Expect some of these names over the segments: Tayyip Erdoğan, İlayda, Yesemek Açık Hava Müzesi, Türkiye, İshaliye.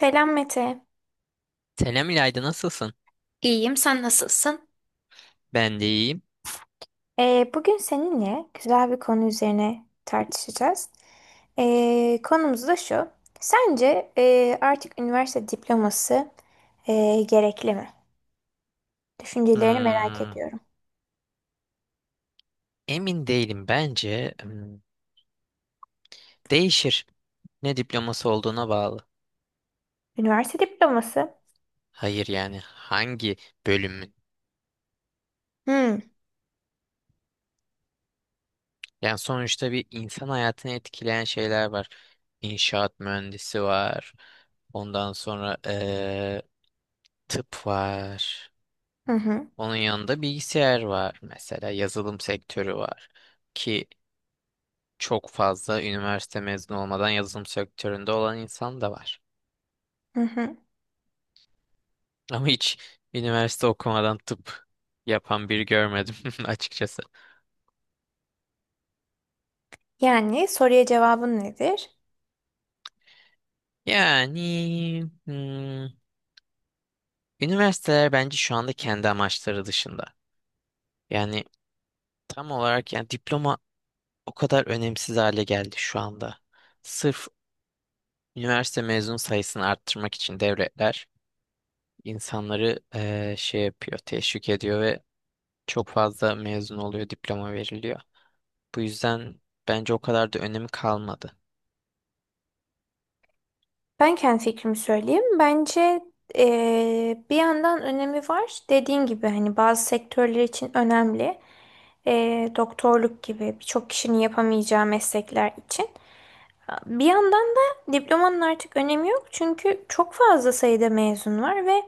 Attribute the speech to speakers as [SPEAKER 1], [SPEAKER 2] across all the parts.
[SPEAKER 1] Selam Mete.
[SPEAKER 2] Selam İlayda, nasılsın?
[SPEAKER 1] İyiyim, sen nasılsın?
[SPEAKER 2] Ben de iyiyim.
[SPEAKER 1] Bugün seninle güzel bir konu üzerine tartışacağız. Konumuz da şu. Sence artık üniversite diploması gerekli mi? Düşüncelerini merak
[SPEAKER 2] Hmm,
[SPEAKER 1] ediyorum.
[SPEAKER 2] emin değilim bence. Değişir. Ne diploması olduğuna bağlı.
[SPEAKER 1] Üniversite diploması?
[SPEAKER 2] Hayır, yani hangi bölümün?
[SPEAKER 1] Hmm.
[SPEAKER 2] Yani sonuçta bir insan hayatını etkileyen şeyler var. İnşaat mühendisi var. Ondan sonra tıp var.
[SPEAKER 1] Hı hı.
[SPEAKER 2] Onun yanında bilgisayar var mesela. Yazılım sektörü var. Ki çok fazla üniversite mezunu olmadan yazılım sektöründe olan insan da var.
[SPEAKER 1] Hı hı.
[SPEAKER 2] Ama hiç üniversite okumadan tıp yapan biri görmedim açıkçası.
[SPEAKER 1] Yani soruya cevabın nedir?
[SPEAKER 2] Yani hmm, üniversiteler bence şu anda kendi amaçları dışında. Yani tam olarak, yani diploma o kadar önemsiz hale geldi şu anda. Sırf üniversite mezun sayısını arttırmak için devletler insanları şey yapıyor, teşvik ediyor ve çok fazla mezun oluyor, diploma veriliyor. Bu yüzden bence o kadar da önemi kalmadı.
[SPEAKER 1] Ben kendi fikrimi söyleyeyim. Bence bir yandan önemi var. Dediğin gibi hani bazı sektörler için önemli. Doktorluk gibi birçok kişinin yapamayacağı meslekler için. Bir yandan da diplomanın artık önemi yok. Çünkü çok fazla sayıda mezun var ve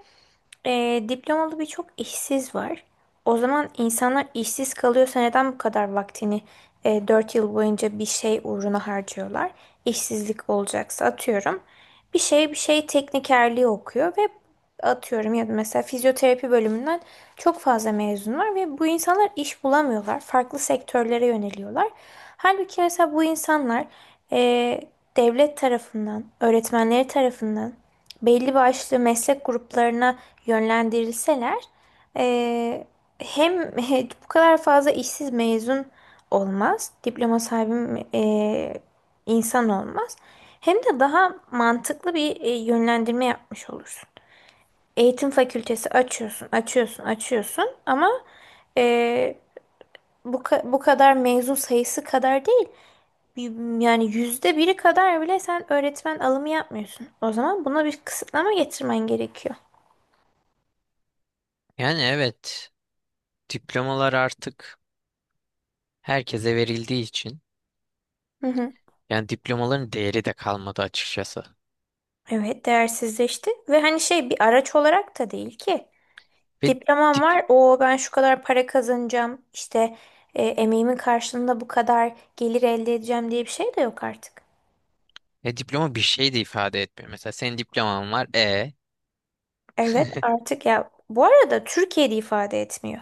[SPEAKER 1] diplomalı birçok işsiz var. O zaman insanlar işsiz kalıyorsa neden bu kadar vaktini 4 yıl boyunca bir şey uğruna harcıyorlar? İşsizlik olacaksa atıyorum. Bir şey bir şey teknikerliği okuyor ve atıyorum, ya da mesela fizyoterapi bölümünden çok fazla mezun var ve bu insanlar iş bulamıyorlar. Farklı sektörlere yöneliyorlar. Halbuki mesela bu insanlar e, devlet tarafından, öğretmenleri tarafından belli başlı meslek gruplarına yönlendirilseler, eee, hem bu kadar fazla işsiz mezun olmaz, diploma sahibi insan olmaz, hem de daha mantıklı bir yönlendirme yapmış olursun. Eğitim fakültesi açıyorsun, açıyorsun, açıyorsun, ama eee, bu kadar mezun sayısı kadar değil. Y- Yani %1'i kadar bile sen öğretmen alımı yapmıyorsun. O zaman buna bir kısıtlama getirmen gerekiyor.
[SPEAKER 2] Yani evet, diplomalar artık herkese verildiği için
[SPEAKER 1] Hı hı.
[SPEAKER 2] yani diplomaların değeri de kalmadı açıkçası.
[SPEAKER 1] Evet, değersizleşti ve hani şey bir araç olarak da değil ki.
[SPEAKER 2] Ve
[SPEAKER 1] Diplomam
[SPEAKER 2] dip-
[SPEAKER 1] var. O ben şu kadar para kazanacağım. İşte emeğimin karşılığında bu kadar gelir elde edeceğim diye bir şey de yok artık.
[SPEAKER 2] diploma bir şey de ifade etmiyor. Mesela senin diploman var.
[SPEAKER 1] Evet, artık ya bu arada Türkiye'de ifade etmiyor.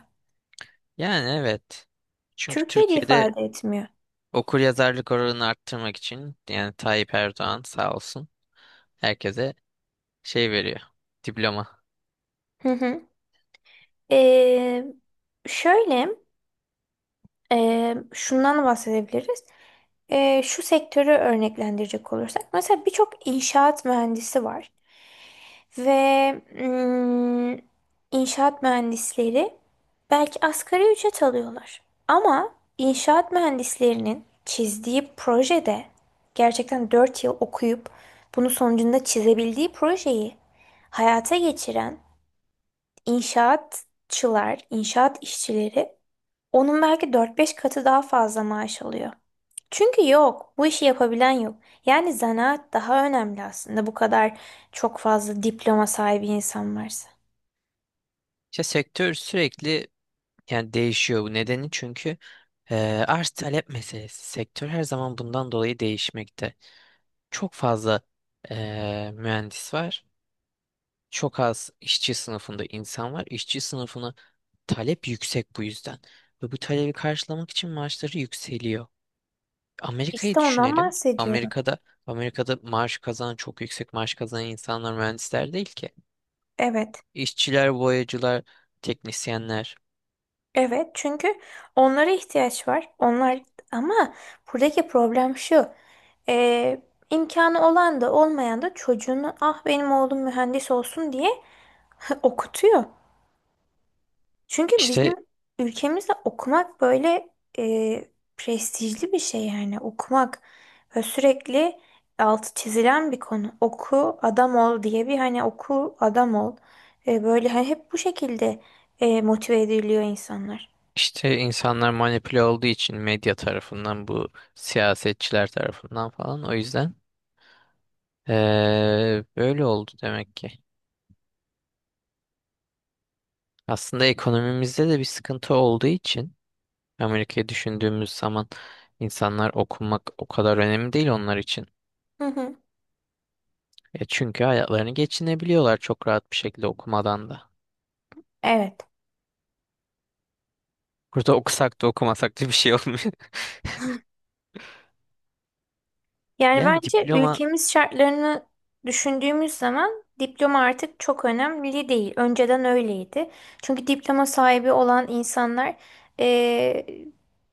[SPEAKER 2] Yani evet. Çünkü
[SPEAKER 1] Türkiye'de
[SPEAKER 2] Türkiye'de
[SPEAKER 1] ifade etmiyor.
[SPEAKER 2] okur yazarlık oranını arttırmak için, yani Tayyip Erdoğan sağ olsun, herkese şey veriyor. Diploma.
[SPEAKER 1] Hı hı. Ee, şöyle Şundan bahsedebiliriz. Şu sektörü örneklendirecek olursak. Mesela birçok inşaat mühendisi var. Ve mm, inşaat mühendisleri belki asgari ücret alıyorlar. Ama inşaat mühendislerinin çizdiği projede gerçekten 4 yıl okuyup bunun sonucunda çizebildiği projeyi hayata geçiren inşaatçılar, inşaat işçileri onun belki dört beş katı daha fazla maaş alıyor. Çünkü yok, bu işi yapabilen yok. Yani zanaat daha önemli aslında bu kadar çok fazla diploma sahibi insan varsa.
[SPEAKER 2] İşte sektör sürekli, yani değişiyor, bu nedeni çünkü e, arz talep meselesi. Sektör her zaman bundan dolayı değişmekte. Çok fazla e, mühendis var. Çok az işçi sınıfında insan var. İşçi sınıfına talep yüksek bu yüzden. Ve bu talebi karşılamak için maaşları yükseliyor. Amerika'yı
[SPEAKER 1] İşte ondan
[SPEAKER 2] düşünelim.
[SPEAKER 1] bahsediyorum.
[SPEAKER 2] Amerika'da maaş kazanan, çok yüksek maaş kazanan insanlar mühendisler değil ki.
[SPEAKER 1] Evet,
[SPEAKER 2] İşçiler, boyacılar, teknisyenler.
[SPEAKER 1] evet, çünkü onlara ihtiyaç var. Onlar, ama buradaki problem şu. Ee, imkanı olan da olmayan da çocuğunu, ah benim oğlum mühendis olsun diye, okutuyor. Çünkü bizim
[SPEAKER 2] İşte
[SPEAKER 1] ülkemizde okumak böyle e, prestijli bir şey, yani okumak ve sürekli altı çizilen bir konu. Oku adam ol diye bir hani, oku adam ol. E, böyle hani hep bu şekilde motive ediliyor insanlar.
[SPEAKER 2] işte insanlar manipüle olduğu için medya tarafından, bu siyasetçiler tarafından falan. O yüzden böyle oldu demek ki. Aslında ekonomimizde de bir sıkıntı olduğu için, Amerika'yı düşündüğümüz zaman, insanlar okumak o kadar önemli değil onlar için.
[SPEAKER 1] Hı hı.
[SPEAKER 2] Çünkü hayatlarını geçinebiliyorlar çok rahat bir şekilde okumadan da.
[SPEAKER 1] Evet.
[SPEAKER 2] Burada okusak da okumasak da bir şey olmuyor.
[SPEAKER 1] Yani
[SPEAKER 2] Yani
[SPEAKER 1] bence
[SPEAKER 2] diploma.
[SPEAKER 1] ülkemiz şartlarını düşündüğümüz zaman diploma artık çok önemli değil. Önceden öyleydi. Çünkü diploma sahibi olan insanlar eee,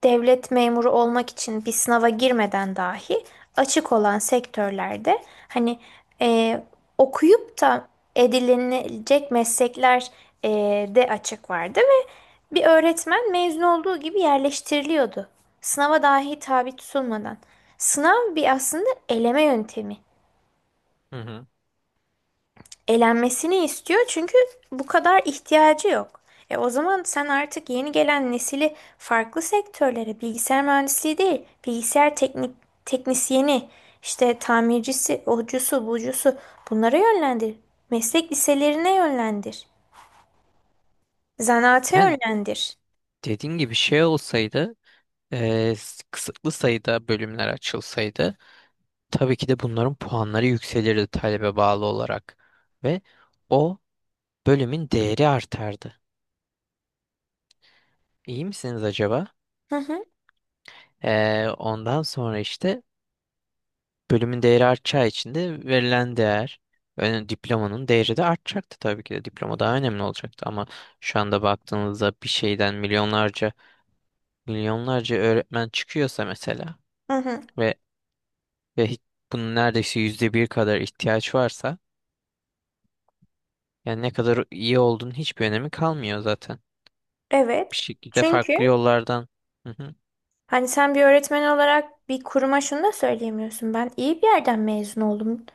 [SPEAKER 1] devlet memuru olmak için bir sınava girmeden dahi açık olan sektörlerde hani eee, okuyup da edinilecek meslekler eee, de açık vardı ve bir öğretmen mezun olduğu gibi yerleştiriliyordu. Sınava dahi tabi tutulmadan. Sınav bir aslında eleme yöntemi.
[SPEAKER 2] Hı hı.
[SPEAKER 1] Elenmesini istiyor çünkü bu kadar ihtiyacı yok. E o zaman sen artık yeni gelen nesili farklı sektörlere, bilgisayar mühendisliği değil, bilgisayar teknisyeni, işte tamircisi, ocusu, bucusu, bunlara yönlendir. Meslek liselerine yönlendir. Zanaate
[SPEAKER 2] Yani
[SPEAKER 1] yönlendir.
[SPEAKER 2] dediğin gibi şey olsaydı, kısıtlı sayıda bölümler açılsaydı, tabii ki de bunların puanları yükselirdi talebe bağlı olarak ve o bölümün değeri artardı. İyi misiniz acaba?
[SPEAKER 1] Hı hı,
[SPEAKER 2] Ondan sonra işte bölümün değeri artacağı için de verilen değer, yani diplomanın değeri de artacaktı tabii ki de. Diploma daha önemli olacaktı ama şu anda baktığınızda bir şeyden milyonlarca milyonlarca öğretmen çıkıyorsa mesela
[SPEAKER 1] hı hı.
[SPEAKER 2] ve ve hiç, bunun neredeyse %1 kadar ihtiyaç varsa, yani ne kadar iyi olduğunun hiçbir önemi kalmıyor zaten. Bir
[SPEAKER 1] Evet.
[SPEAKER 2] şekilde
[SPEAKER 1] Çünkü
[SPEAKER 2] farklı yollardan. Hı hı,
[SPEAKER 1] hani sen bir öğretmen olarak bir kuruma şunu da söyleyemiyorsun. Ben iyi bir yerden mezun oldum.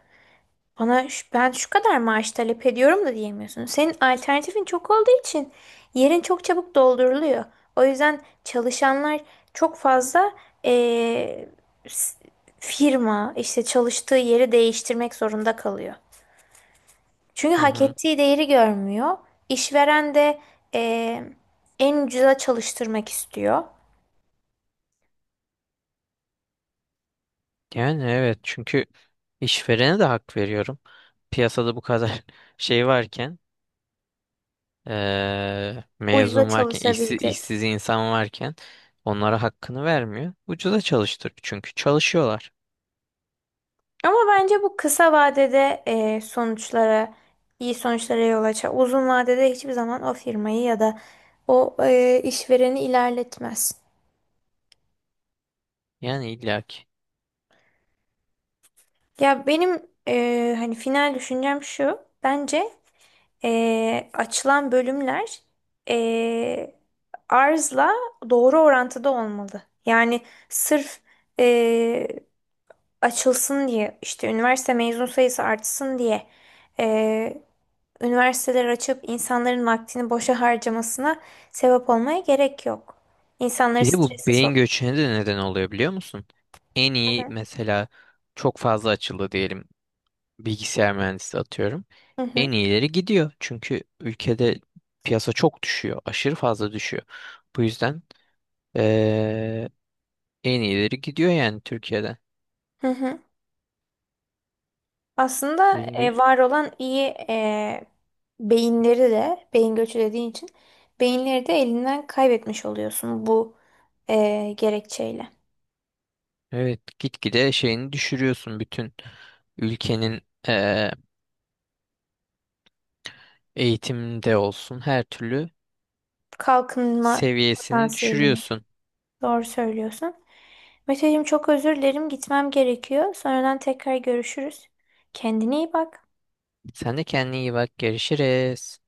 [SPEAKER 1] Bana ben şu kadar maaş talep ediyorum da diyemiyorsun. Senin alternatifin çok olduğu için yerin çok çabuk dolduruluyor. O yüzden çalışanlar çok fazla eee, s- firma, işte çalıştığı yeri değiştirmek zorunda kalıyor. Çünkü
[SPEAKER 2] hı
[SPEAKER 1] hak
[SPEAKER 2] hı.
[SPEAKER 1] ettiği değeri görmüyor. İşveren de eee, en ucuza çalıştırmak istiyor.
[SPEAKER 2] Yani evet, çünkü işverene de hak veriyorum. Piyasada bu kadar şey varken,
[SPEAKER 1] Ucuza
[SPEAKER 2] mezun varken, işsiz,
[SPEAKER 1] çalışabilecek.
[SPEAKER 2] işsiz insan varken, onlara hakkını vermiyor. Ucuza çalıştırıyor çünkü çalışıyorlar.
[SPEAKER 1] Ama bence bu kısa vadede sonuçlara, iyi sonuçlara yol açar. Uzun vadede hiçbir zaman o firmayı ya da o işvereni ilerletmez.
[SPEAKER 2] Yani illaki.
[SPEAKER 1] Ya benim hani final düşüncem şu. Bence açılan bölümler e, arzla doğru orantıda olmalı. Yani sırf e, açılsın diye, işte üniversite mezun sayısı artsın diye üniversiteler açıp insanların vaktini boşa harcamasına sebep olmaya gerek yok. İnsanları
[SPEAKER 2] Bir de bu
[SPEAKER 1] strese
[SPEAKER 2] beyin
[SPEAKER 1] sok.
[SPEAKER 2] göçüne de neden oluyor biliyor musun? En
[SPEAKER 1] Hı
[SPEAKER 2] iyi
[SPEAKER 1] hı.
[SPEAKER 2] mesela, çok fazla açıldı diyelim bilgisayar mühendisi atıyorum.
[SPEAKER 1] Hı hı.
[SPEAKER 2] En iyileri gidiyor. Çünkü ülkede piyasa çok düşüyor. Aşırı fazla düşüyor. Bu yüzden eee, en iyileri gidiyor yani Türkiye'den.
[SPEAKER 1] Hı hı. Aslında var olan iyi e, beyinleri de, beyin göçü dediğin için beyinleri de elinden kaybetmiş oluyorsun bu gerekçeyle.
[SPEAKER 2] Evet, gitgide şeyini düşürüyorsun, bütün ülkenin eee eğitimde olsun her türlü
[SPEAKER 1] Kalkınma
[SPEAKER 2] seviyesini
[SPEAKER 1] potansiyelini.
[SPEAKER 2] düşürüyorsun.
[SPEAKER 1] Doğru söylüyorsun. Meteciğim çok özür dilerim. Gitmem gerekiyor. Sonradan tekrar görüşürüz. Kendine iyi bak.
[SPEAKER 2] Sen de kendine iyi bak, görüşürüz.